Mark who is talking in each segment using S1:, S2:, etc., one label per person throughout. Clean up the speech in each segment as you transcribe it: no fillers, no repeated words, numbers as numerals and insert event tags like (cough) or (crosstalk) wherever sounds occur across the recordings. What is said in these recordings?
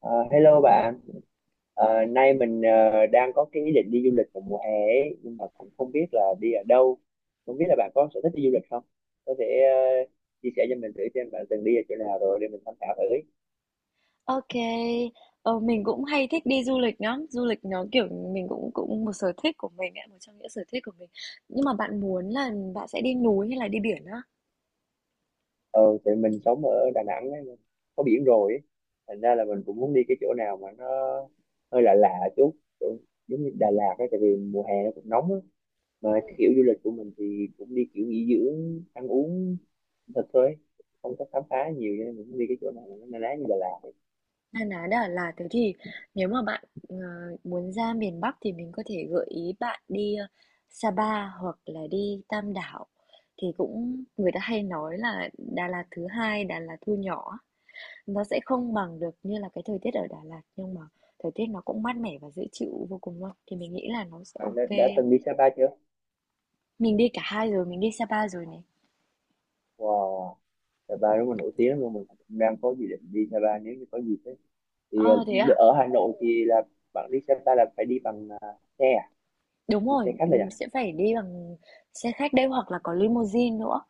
S1: Ờ, Hello bạn. Nay mình đang có cái ý định đi du lịch vào mùa hè ấy, nhưng mà cũng không biết là đi ở đâu. Không biết là bạn có sở thích đi du lịch không? Có thể ờ, chia sẻ cho mình thử xem bạn từng đi ở chỗ nào rồi để mình tham khảo thử.
S2: OK, mình cũng hay thích đi du lịch lắm, du lịch nó, kiểu, mình cũng cũng một sở thích của mình ấy, một trong những sở thích của mình. Nhưng mà bạn muốn là bạn sẽ đi núi hay là đi biển á?
S1: Ờ, thì mình sống ở Đà Nẵng ấy, có biển rồi ấy. Thành ra là mình cũng muốn đi cái chỗ nào mà nó hơi lạ lạ chút, chỗ giống như Đà Lạt ấy, tại vì mùa hè nó cũng nóng á. Mà cái kiểu du lịch của mình thì cũng đi kiểu nghỉ dưỡng ăn uống thật thôi, không có khám phá nhiều, cho nên mình cũng đi cái chỗ nào mà nó na ná như Đà Lạt ấy.
S2: Na ná đà là thế thì nếu mà bạn, muốn ra miền Bắc thì mình có thể gợi ý bạn đi, Sapa hoặc là đi Tam Đảo. Thì cũng người ta hay nói là Đà Lạt thứ hai, Đà Lạt thu nhỏ. Nó sẽ không bằng được như là cái thời tiết ở Đà Lạt, nhưng mà thời tiết nó cũng mát mẻ và dễ chịu vô cùng luôn, thì mình nghĩ là nó sẽ
S1: Bạn đã,
S2: OK.
S1: đã từng đi Sapa chưa?
S2: Mình đi cả hai rồi, mình đi Sapa rồi này.
S1: Wow, Sapa đúng là nổi tiếng luôn, mình cũng đang có dự định đi Sapa nếu như có dịp ấy. thì ờ,
S2: Ờ, thế à?
S1: Ở Hà Nội thì là bạn đi Sapa là phải đi bằng xe à?
S2: Đúng
S1: Đi
S2: rồi,
S1: xe khách là à?
S2: sẽ phải đi bằng xe khách đấy hoặc là có limousine nữa.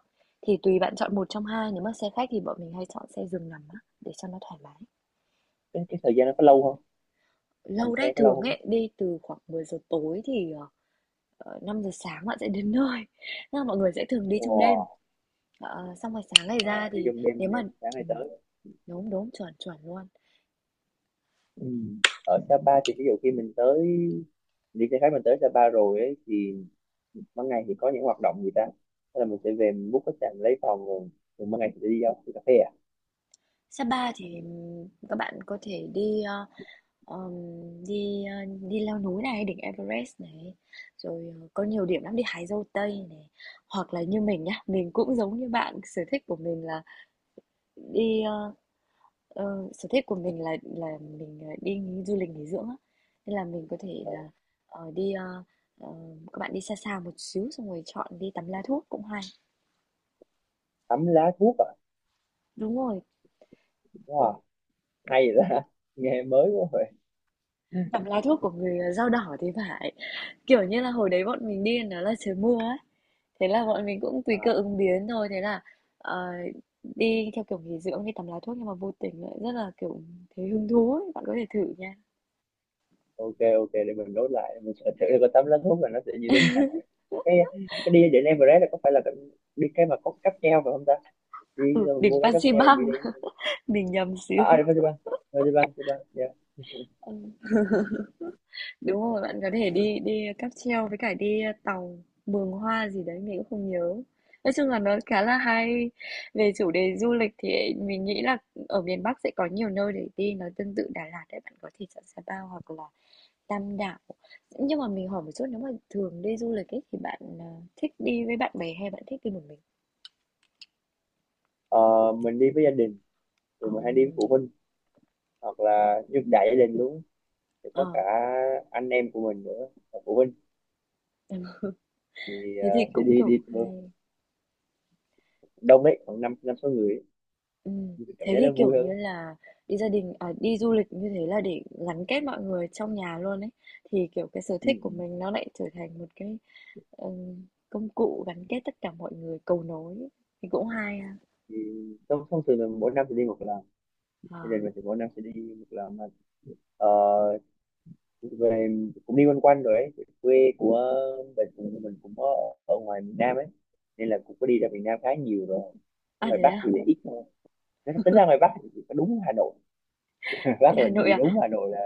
S2: Thì tùy bạn chọn một trong hai, nếu mà xe khách thì bọn mình hay chọn xe giường nằm á, để cho nó thoải mái.
S1: Cái thời gian nó có lâu không? Làm
S2: Lâu đấy,
S1: xe có lâu
S2: thường
S1: không?
S2: ấy, đi từ khoảng 10 giờ tối thì 5 giờ sáng bạn sẽ đến nơi. Nhưng mà mọi người sẽ thường đi trong đêm.
S1: Wow.
S2: Ờ, xong rồi sáng ngày ra
S1: Ờ, Đi
S2: thì
S1: trong
S2: nếu
S1: đêm
S2: mà
S1: này, sáng nay
S2: ừm,
S1: tới.
S2: đúng, đúng, chuẩn, chuẩn luôn.
S1: Ừ. Ở Sapa thì ví dụ khi mình tới, đi xe khách mình tới Sapa rồi ấy, thì ban ngày thì có những hoạt động gì ta? Thế là mình sẽ về mình book khách sạn lấy phòng rồi, rồi ban ngày thì đi đâu, đi cà phê à?
S2: Sapa thì các bạn có thể đi ờ, ờm, đi ờ, đi leo núi này, đỉnh Everest này, rồi có nhiều điểm lắm đi hái dâu tây này, hoặc là như mình nhá, mình cũng giống như bạn, sở thích của mình là đi ờ, sở thích của mình là mình đi du lịch nghỉ dưỡng á. Nên là mình có thể
S1: Ờ,
S2: là ờ, đi ờ, ờ, các bạn đi xa xa một xíu xong rồi chọn đi tắm lá thuốc cũng hay.
S1: tắm lá thuốc à?
S2: Đúng rồi,
S1: Wow, hay vậy ta (laughs) nghe mới quá rồi.
S2: tắm lá thuốc của người dao đỏ thì phải. Kiểu như là, hồi đấy bọn mình đi nó là trời mưa ấy, thế là bọn mình cũng tùy cơ
S1: À,
S2: ứng biến thôi, thế là, ờ, đi theo kiểu nghỉ dưỡng, đi tắm lá thuốc nhưng mà vô tình lại rất là, kiểu, thấy hứng thú ấy, bạn có thể thử nha.
S1: ok ok, để mình nốt lại mình sẽ thử coi tắm lá thuốc là nó sẽ như thế nào. cái cái đi đến Everest là có phải là cái, đi cái mà có cáp treo phải không ta? Đi
S2: Ừ,
S1: rồi
S2: đỉnh
S1: mua cái cáp treo
S2: Fansipan,
S1: đi đến.
S2: (laughs) mình nhầm xíu.
S1: À, đi Fansipan. Fansipan yeah. (laughs)
S2: Ừm, đúng rồi, bạn có thể đi đi cáp treo với cả đi tàu Mường Hoa gì đấy, mình cũng không nhớ. Nói chung là nó khá là hay. Về chủ đề du lịch thì mình nghĩ là ở miền Bắc sẽ có nhiều nơi để đi, nó tương tự Đà Lạt đấy, bạn có thể chọn Sapa hoặc là Tam Đảo. Nhưng mà mình hỏi một chút, nếu mà thường đi du lịch ấy, thì bạn, thích đi với bạn bè hay bạn thích đi một mình?
S1: Ờ, mình đi với gia đình, thì
S2: Ồ,
S1: mình hay đi với phụ huynh hoặc là như đại gia đình luôn, thì có cả
S2: ờ,
S1: anh em của mình nữa và phụ huynh.
S2: ừm, thế thì
S1: Thì
S2: cũng,
S1: đi
S2: kiểu,
S1: đi
S2: hay.
S1: đông ấy, khoảng năm năm sáu người ấy. Thì cảm
S2: Thế
S1: giác
S2: thì,
S1: nó vui
S2: kiểu như
S1: hơn.
S2: là, đi gia đình à, đi du lịch như thế là để gắn kết mọi người trong nhà luôn ấy, thì, kiểu, cái sở
S1: Ừ.
S2: thích của
S1: Ừ.
S2: mình nó lại trở thành một cái, công cụ gắn kết tất cả mọi người, cầu nối, thì cũng hay ha.
S1: Thì thông thông thường là mỗi năm thì đi một lần,
S2: Ờ,
S1: thì lần mình thì mỗi năm sẽ đi một lần mà. ờ, Về cũng đi quanh quanh rồi ấy. Quê của mình cũng, mình cũng có ở ngoài miền Nam ấy, nên là cũng có đi ra miền Nam khá nhiều rồi, ở
S2: à,
S1: ngoài
S2: thế
S1: Bắc thì
S2: à?
S1: lại ít thôi. Nếu tính ra ngoài Bắc thì chỉ có đúng Hà Nội. (laughs)
S2: Ở
S1: Bắc là
S2: Hà Nội
S1: chỉ
S2: à?
S1: đúng Hà Nội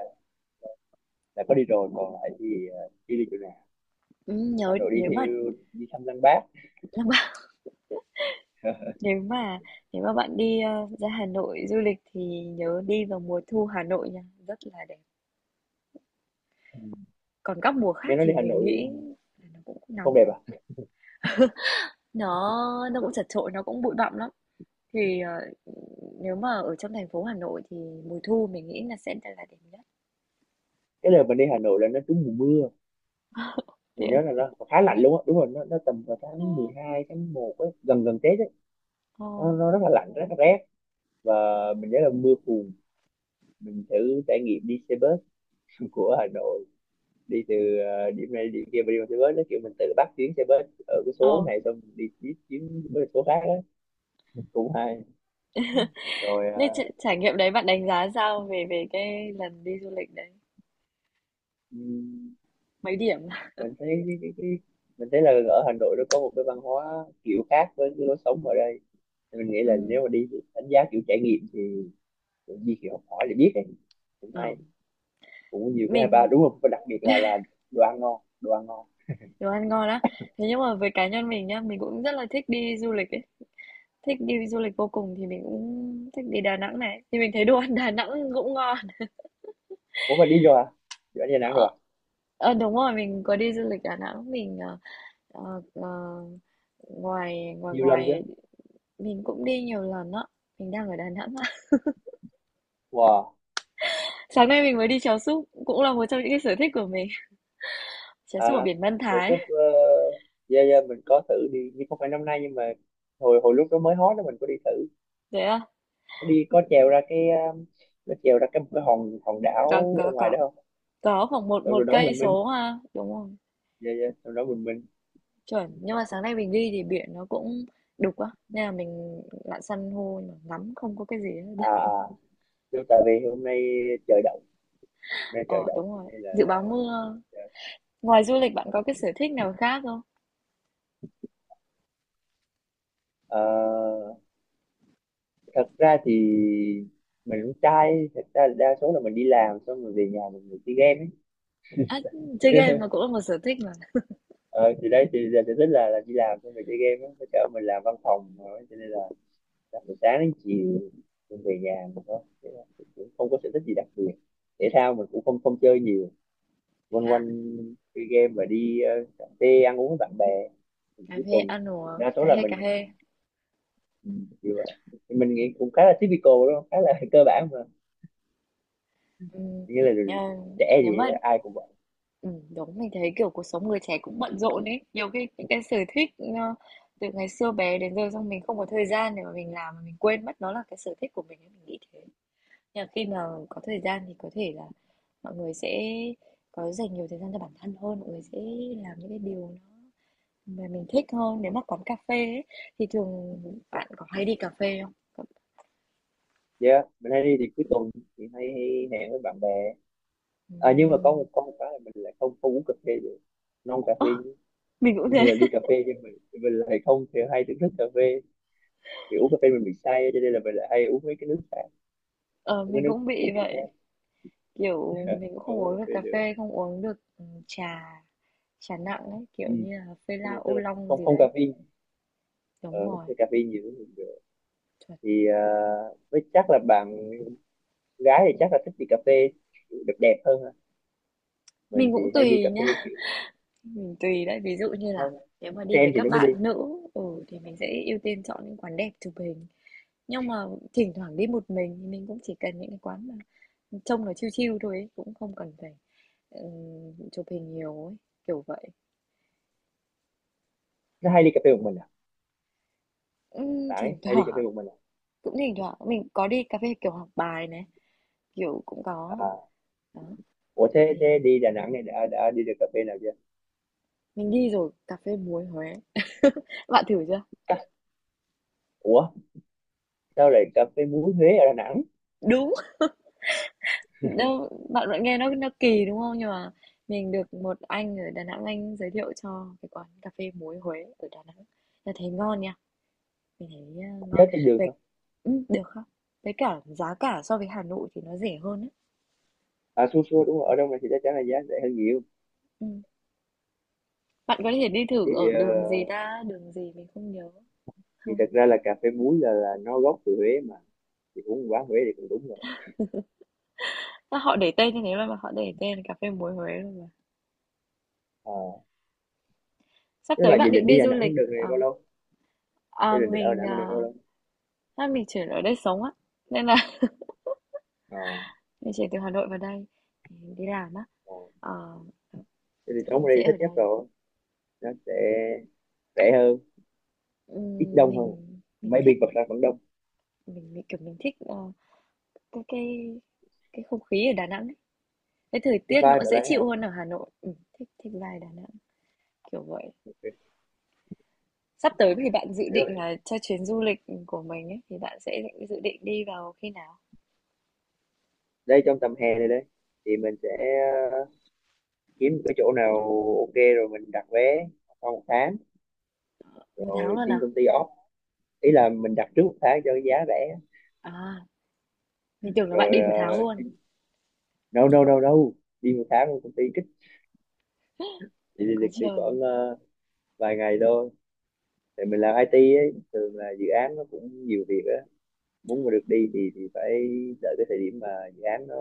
S1: là có đi rồi, còn lại thì đi đi chỗ nào. Hà
S2: Nhớ
S1: Nội đi
S2: nếu mà
S1: theo đi thăm Lăng Bác.
S2: (laughs) Nếu mà nếu mà bạn đi, ra Hà Nội du lịch thì nhớ đi vào mùa thu Hà Nội nha, rất là đẹp.
S1: Ừ.
S2: Còn các mùa khác
S1: Nghe nói đi
S2: thì
S1: Hà
S2: mình
S1: Nội
S2: nghĩ
S1: thì
S2: là nó cũng
S1: không
S2: nóng
S1: đẹp
S2: lắm,
S1: à?
S2: nó nó cũng chật chội, nó cũng bụi bặm lắm. Thì, nếu mà ở trong thành phố Hà Nội thì mùa thu mình nghĩ là sẽ là đẹp nhất.
S1: Cái đợt mình đi Hà Nội là nó trúng mùa mưa,
S2: Thế
S1: mình
S2: á?
S1: nhớ là nó khá lạnh luôn á, đúng rồi, nó tầm vào tháng mười
S2: Ưm,
S1: hai tháng một á, gần gần Tết ấy.
S2: ờ,
S1: Nó rất là lạnh, rất là rét, và mình nhớ là mưa phùn. Mình thử trải nghiệm đi xe bus (laughs) của Hà Nội, đi từ điểm này điểm kia mà đi bằng xe bus, nó kiểu mình tự bắt chuyến xe bus ở cái số
S2: ờ.
S1: này xong mình đi tiếp chuyến với số khác á. Cũng hay. rồi
S2: Thế
S1: ờ,
S2: trải nghiệm đấy bạn đánh giá sao về về cái lần đi du lịch đấy?
S1: ừm,
S2: Mấy điểm? (laughs)
S1: mình thấy cái, mình thấy là ở Hà Nội nó có một cái văn hóa kiểu khác với cái lối sống ở đây. Thì mình nghĩ
S2: Ừ,
S1: là nếu mà đi thì đánh giá kiểu trải nghiệm thì tự nhiên thì học hỏi là biết ấy, cũng
S2: ờ,
S1: hay, cũng nhiều cái hay ba
S2: mình
S1: đúng không, và đặc biệt là đồ ăn ngon, đồ ăn ngon.
S2: đồ ăn ngon á. Thế nhưng mà với cá nhân mình nhá, mình cũng rất là thích đi du lịch ấy. Thích đi du lịch vô cùng thì mình cũng thích đi Đà Nẵng này, thì mình thấy đồ ăn Đà Nẵng cũng ngon.
S1: Ủa mà đi rồi à, đi ở Đà Nẵng
S2: Ờ,
S1: rồi à?
S2: đúng rồi, mình có đi du lịch Đà Nẵng, mình, ờ, ờ, ngoài ngoài
S1: Nhiều lần chưa?
S2: ngoài mình cũng đi nhiều lần á. Mình đang ở Đà Nẵng á.
S1: Wow.
S2: (laughs) Sáng nay mình mới đi chèo súp, cũng là một trong những cái sở thích của mình. Chèo súp ở
S1: À,
S2: biển Mân
S1: giờ
S2: Thái.
S1: sắp dạ dạ mình có thử đi nhưng không phải năm nay, nhưng mà hồi hồi lúc đó mới hot đó mình có đi thử.
S2: Thế à?
S1: Có đi, có trèo ra cái nó trèo ra cái một cái hòn hòn
S2: Có
S1: đảo ở
S2: có
S1: ngoài
S2: có
S1: đó không?
S2: có khoảng một
S1: Xong
S2: một
S1: rồi đó
S2: cây
S1: mình minh,
S2: số ha, đúng không?
S1: dạ dạ xong đó mình minh.
S2: Chuẩn, nhưng mà sáng nay mình đi thì biển nó cũng đục á, nên là mình lặn san hô nhưng mà ngắm không có cái gì
S1: à
S2: hết.
S1: à đúng tại vì hôm nay trời đậu, hôm nay trời
S2: Ờ,
S1: đậu
S2: đúng
S1: cho
S2: rồi.
S1: nên là
S2: Dự báo mưa. Ngoài du lịch bạn có cái sở thích nào khác không?
S1: ờ, thật ra thì mình cũng trai, thật ra là đa số là mình đi làm xong rồi về nhà mình ngồi chơi game
S2: À, chơi game
S1: ấy.
S2: mà cũng là một sở thích mà.
S1: (laughs) Ờ, thì đấy, thì giờ sở thích là đi làm xong rồi chơi game ấy, cho mình làm văn phòng mà, cho nên là làm từ sáng đến chiều, mình về nhà mình có, thế là mình cũng không có sở thích gì đặc biệt. Thể thao mình cũng không không chơi nhiều. Quanh
S2: À,
S1: quanh chơi game và đi cà phê ăn uống với bạn bè thì
S2: cà
S1: cuối
S2: phê
S1: tuần.
S2: ăn uống,
S1: Đa số
S2: cà
S1: là
S2: phê cà
S1: mình
S2: phê.
S1: mình kiểu vậy. Thì mình nghĩ cũng khá là typical đúng không, khá là (laughs) cơ bản mà,
S2: Ừm,
S1: nghĩa là
S2: à,
S1: trẻ
S2: nếu
S1: thì
S2: mà
S1: ai cũng.
S2: ừ, đúng mình thấy kiểu cuộc sống người trẻ cũng bận rộn ấy. Nhiều khi những cái sở thích từ ngày xưa bé đến giờ xong mình không có thời gian để mà mình làm mà mình quên mất nó là cái sở thích của mình ấy, mình nghĩ thế. Nhưng mà khi mà có thời gian thì có thể là mọi người sẽ có dành nhiều thời gian cho bản thân hơn, mọi người sẽ làm những cái điều nó mà mình thích hơn. Nếu mà quán cà phê ấy, thì thường bạn có hay đi cà phê không?
S1: Dạ, mình hay đi thì cuối tuần thì hay hẹn với bạn bè. À, nhưng mà có một,
S2: Ừm.
S1: có một cái là mình lại không không uống cà phê được. Non cà
S2: Ơ,
S1: phê,
S2: mình cũng
S1: nên là
S2: thế.
S1: đi cà phê nhưng mình lại không thì hay thưởng thức cà phê. Thì uống cà phê mình bị say, cho nên là mình lại hay uống mấy cái nước khác,
S2: Ờ,
S1: uống cái
S2: mình
S1: nước
S2: cũng
S1: kiểu
S2: bị
S1: kiểu
S2: vậy.
S1: khác,
S2: Kiểu mình cũng
S1: không
S2: không
S1: uống
S2: uống
S1: cà
S2: được
S1: phê
S2: cà
S1: được.
S2: phê, không uống được trà, trà nặng ấy,
S1: Ừ.
S2: kiểu như là phê
S1: Đúng
S2: la
S1: rồi, tức
S2: ô
S1: là
S2: long
S1: không
S2: gì
S1: không cà
S2: đấy.
S1: phê. Ờ,
S2: Đúng rồi.
S1: cái cà phê nhiều cũng không được.
S2: Chuẩn.
S1: Thì à, với chắc là bạn gái thì chắc là thích đi cà phê kiểu đẹp đẹp hơn ha. Mình
S2: Mình
S1: thì
S2: cũng
S1: hay đi
S2: tùy
S1: cà phê
S2: nhá.
S1: kiểu
S2: Mình tùy đấy. Ví dụ như
S1: nó
S2: là nếu mà đi với
S1: trend thì
S2: các
S1: nó mới đi.
S2: bạn nữ, ừ thì mình sẽ ưu tiên chọn những quán đẹp chụp hình. Nhưng mà thỉnh thoảng đi một mình thì mình cũng chỉ cần những cái quán mà trông nó chill chill thôi ấy, cũng không cần phải ừ, chụp hình nhiều ấy, kiểu vậy.
S1: Nó hay đi cà phê một mình à? Bạn ấy
S2: Thỉnh (laughs)
S1: hay đi cà
S2: thoảng,
S1: phê một mình.
S2: cũng thỉnh thoảng mình có đi cà phê kiểu học bài này, kiểu cũng có
S1: À,
S2: đó.
S1: ủa thế, thế
S2: Thì
S1: đi Đà Nẵng này đã đi được cà phê nào chưa?
S2: mình đi rồi cà phê muối Huế, bạn thử chưa?
S1: Cà, ủa sao lại cà phê muối Huế ở Đà Nẵng?
S2: Đúng đâu, bạn vẫn nghe nó kỳ đúng không, nhưng mà mình được một anh ở Đà Nẵng, anh giới thiệu cho cái quán cà phê muối Huế ở Đà Nẵng, là thấy ngon nha, mình thấy ngon
S1: Giá trên đường
S2: về,
S1: không?
S2: được không, với cả giá cả so với Hà Nội thì nó rẻ hơn ấy.
S1: À xua xua đúng rồi, ở đâu này thì chắc chắn là giá rẻ hơn nhiều.
S2: Ừ. Bạn có thể đi
S1: Thì
S2: thử ở đường gì ta? Đường gì mình không nhớ.
S1: thì
S2: Hông,
S1: thật ra là cà phê muối là nó gốc từ Huế mà, thì uống quán Huế thì cũng đúng rồi.
S2: sao họ để tên như thế luôn mà họ để tên là cà phê muối Huế luôn mà.
S1: Ờ,
S2: Sắp
S1: thế
S2: tới
S1: mà dự
S2: bạn định
S1: định đi
S2: đi
S1: Đà
S2: du lịch,
S1: Nẵng được này bao lâu? Thế
S2: ờ,
S1: định ở Đà
S2: mình,
S1: Nẵng được
S2: ờ,
S1: bao lâu?
S2: chắc mình chuyển ở đây sống á, nên là (laughs)
S1: Ờ,
S2: mình chuyển từ Hà Nội vào đây, mình đi làm á,
S1: ờ.
S2: ờ, ờ,
S1: Thế thì
S2: chắc
S1: sống ở
S2: mình sẽ
S1: đây
S2: ở
S1: thích nhất
S2: đây.
S1: rồi. Nó sẽ rẻ hơn, ít
S2: Ừm,
S1: đông hơn.
S2: mình mình
S1: Maybe
S2: thích
S1: còn ra vẫn đông.
S2: mình, kiểu, mình thích, cái cái không khí ở Đà Nẵng ấy, cái thời
S1: Cái
S2: tiết nó cũng
S1: vibe ở
S2: dễ
S1: đấy hả?
S2: chịu hơn ở Hà Nội, thích thích vibe Đà Nẵng, kiểu vậy.
S1: Ok,
S2: Sắp tới thì bạn dự
S1: hiểu
S2: định
S1: rồi.
S2: là cho chuyến du lịch của mình ấy, thì bạn sẽ định dự định đi vào khi nào?
S1: Đây trong tầm hè này đây thì mình sẽ kiếm một cái chỗ nào ok rồi mình đặt vé sau một tháng,
S2: 1 tháng
S1: rồi
S2: luôn
S1: xin
S2: à?
S1: công ty off, ý là mình đặt trước một tháng cho cái giá rẻ.
S2: À, mình tưởng là bạn
S1: Rồi
S2: đi 1 tháng
S1: uh,
S2: luôn.
S1: no no no no, đi một tháng rồi công ty kích. đi đi, đi,
S2: Có
S1: đi
S2: trời.
S1: khoảng vài ngày thôi. Tại mình làm IT ấy, thường là dự án nó cũng nhiều việc á, muốn mà được đi thì phải đợi cái thời điểm mà dự án nó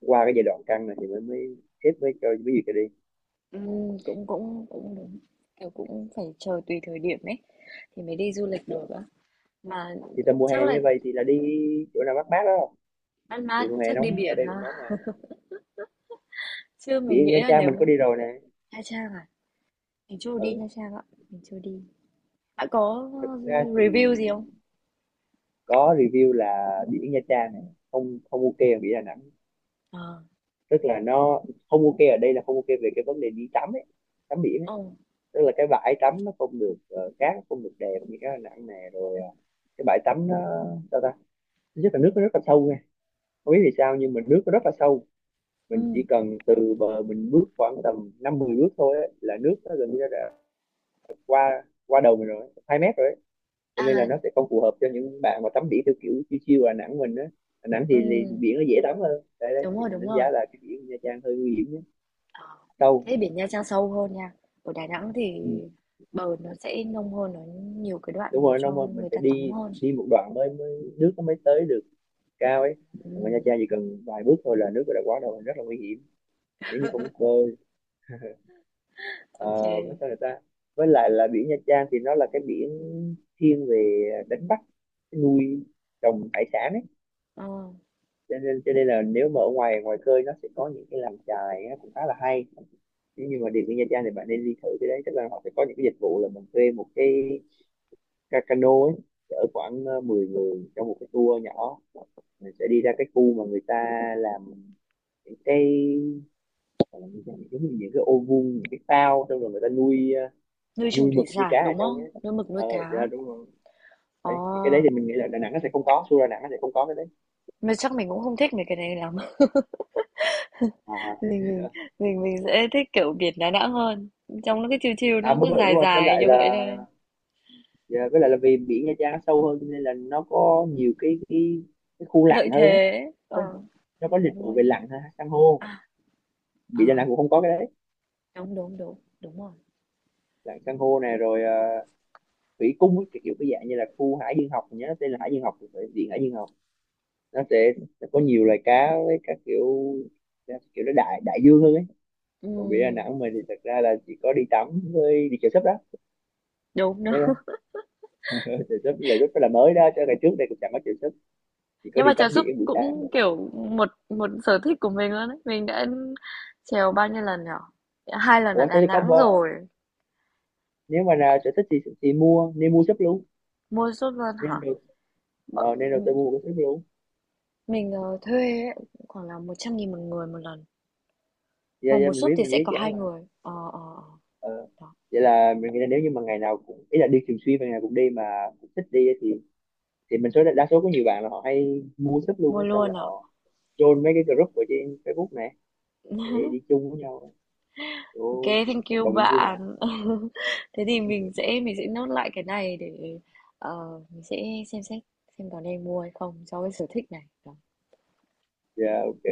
S1: qua cái giai đoạn căng này thì mới mới xếp mới cho cái gì cho đi.
S2: Cũng cũng cũng đúng, kiểu, cũng phải chờ tùy thời điểm ấy, thì mới đi du lịch được á. Mà
S1: Thì tầm mùa
S2: chắc
S1: hè
S2: là
S1: như vậy thì là đi chỗ nào mát mát đó không?
S2: Mát
S1: Thì
S2: Mát
S1: mùa hè
S2: chắc đi
S1: nóng, ở
S2: biển
S1: đây cũng
S2: ha?
S1: nóng mà.
S2: Chứ mình
S1: Biển Nha
S2: nghĩ là
S1: Trang mình có
S2: nếu
S1: đi rồi nè.
S2: Nha Trang à? Mình chưa đi Nha
S1: Ừ,
S2: Trang ạ, mình chưa đi. Bạn có
S1: thực ra thì
S2: review gì không?
S1: có review là biển Nha Trang này không không ok, ở biển Đà Nẵng,
S2: Ờ,
S1: tức là nó không ok ở đây là không ok về cái vấn đề đi tắm ấy, tắm biển ấy.
S2: ờ,
S1: Tức là cái bãi tắm nó không được cát nó không được đẹp như cái Đà Nẵng này, rồi cái bãi tắm nó sao ta, thứ nhất là nước nó rất là sâu nha, không biết vì sao nhưng mà nước nó rất là sâu. Mình chỉ
S2: ừm,
S1: cần từ bờ mình bước khoảng tầm năm mười bước thôi ấy, là nước nó gần như đã qua qua đầu mình rồi, 2 mét rồi. Cho nên là
S2: à,
S1: nó sẽ không phù hợp cho những bạn mà tắm biển theo kiểu chiêu chiêu Đà Nẵng mình á. Đà Nẵng thì
S2: ừm,
S1: biển nó dễ tắm hơn, đấy đấy
S2: đúng
S1: thì
S2: rồi,
S1: mình
S2: đúng
S1: đánh giá
S2: rồi.
S1: là cái biển Nha Trang hơi nguy hiểm nhé.
S2: Ờ,
S1: Sâu.
S2: thế biển Nha Trang sâu hơn nha. Ở Đà Nẵng thì
S1: Ừ.
S2: bờ nó sẽ nông hơn, nó nhiều cái đoạn
S1: Đúng
S2: để
S1: rồi, nó
S2: cho
S1: mà mình
S2: người
S1: phải
S2: ta tắm
S1: đi,
S2: hơn.
S1: đi một đoạn mới nước nó mới tới được cao ấy.
S2: Ừ,
S1: Còn ở Nha Trang chỉ cần vài bước thôi là nước đã quá đầu, rất là nguy hiểm nếu như không biết bơi. À, với
S2: ok.
S1: sao người ta, với lại là biển Nha Trang thì nó là cái biển thiên về đánh bắt, nuôi trồng hải sản ấy,
S2: Ờ,
S1: cho nên là nếu mà ở ngoài ngoài khơi nó sẽ có những cái làm chài nó cũng khá là hay. Nếu như mà đi với Nha Trang thì bạn nên đi thử cái đấy, tức là họ sẽ có những cái dịch vụ là mình thuê một cái cano ấy, chở khoảng 10 người trong một cái tour nhỏ, mình sẽ đi ra cái khu mà người ta làm những cái, gọi là những cái giống như những cái ô vuông, những cái phao xong rồi người ta nuôi
S2: nuôi trồng
S1: nuôi
S2: thủy
S1: mực nuôi cá
S2: sản
S1: ở
S2: đúng
S1: trong
S2: không?
S1: ấy.
S2: Nuôi mực nuôi
S1: Ờ dạ,
S2: cá.
S1: đúng rồi.
S2: Ờ,
S1: Đấy thì cái đấy thì mình nghĩ là Đà Nẵng nó sẽ không có, Xu Đà Nẵng nó sẽ không có cái đấy.
S2: mà chắc mình cũng không thích mấy cái này lắm. (laughs)
S1: à,
S2: Mình mình mình sẽ thích kiểu biển Đà Nẵng hơn. Trong nó cái chiều chiều
S1: à
S2: nó
S1: đúng
S2: cứ
S1: rồi đúng
S2: dài
S1: rồi, với
S2: dài
S1: lại
S2: như vậy
S1: là,
S2: thôi.
S1: dạ, với lại là vì biển Nha Trang nó sâu hơn, cho nên là nó có nhiều cái khu
S2: Lợi
S1: lặn hơn ấy.
S2: thế. Ờ,
S1: Có, nó có dịch vụ
S2: nuôi.
S1: về lặn ha, san hô.
S2: À,
S1: Biển Đà
S2: à,
S1: Nẵng cũng không có cái đấy.
S2: đúng đúng đúng đúng rồi.
S1: Lặn san hô này rồi thủy cung ấy, kiểu kiểu cái dạng như là khu hải dương học, mình nhớ nó tên là hải dương học thì phải, biển hải dương học. Nó sẽ có nhiều loài cá với các kiểu, kiểu nó đại đại dương hơn ấy.
S2: Ừ,
S1: Còn biển Đà Nẵng mình thì thật ra là chỉ có đi tắm với đi chèo súp đó.
S2: đúng đúng.
S1: Thế thôi. (laughs) Chèo súp là rất là mới đó, cho ngày trước đây cũng chẳng có chèo súp, chỉ có
S2: Nhưng
S1: đi
S2: mà
S1: tắm
S2: chèo súp
S1: biển buổi sáng.
S2: cũng kiểu một một sở thích của mình luôn ấy, mình đã chèo bao nhiêu lần nhở? 2 lần ở
S1: Ủa thế
S2: Đà
S1: thì có
S2: Nẵng rồi.
S1: nếu mà nào sở thích thì mua, nên mua sấp luôn,
S2: Mua súp luôn
S1: nên
S2: hả?
S1: được.
S2: Bọn,
S1: Ờ, nên đầu tư mua một cái sấp luôn.
S2: mình thuê ấy, khoảng là 100.000 một người một lần,
S1: Dạ
S2: mà
S1: dạ
S2: một
S1: mình
S2: súp
S1: biết,
S2: thì
S1: mình
S2: sẽ
S1: biết
S2: có
S1: giá
S2: hai
S1: mà.
S2: người
S1: Ờ.
S2: đó.
S1: Vậy là mình nghĩ là nếu như mà ngày nào cũng, ý là đi thường xuyên và ngày nào cũng đi mà cũng thích đi ấy, thì mình số đa số có nhiều bạn là họ hay mua sấp luôn
S2: Mua
S1: ấy, xong rồi
S2: luôn ạ.
S1: họ join mấy cái group ở trên Facebook này để đi chung với nhau.
S2: Ok,
S1: Ồ, cũng
S2: thank
S1: cộng
S2: you
S1: đồng cũng vui mà.
S2: bạn. (laughs) Thế thì mình
S1: (laughs)
S2: sẽ nốt lại cái này để mình sẽ xem xét xem có nên mua hay không cho cái sở thích này đó.
S1: Dạ ok.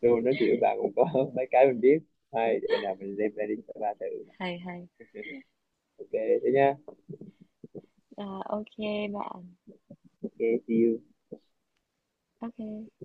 S1: Luôn nói chuyện với bạn cũng có (laughs) mấy cái mình biết hay, để nào mình lên plan đi ba thử.
S2: Hay hay.
S1: (laughs) Ok thế nha.
S2: Ờ, ok bạn.
S1: Ok, see you.
S2: Ok.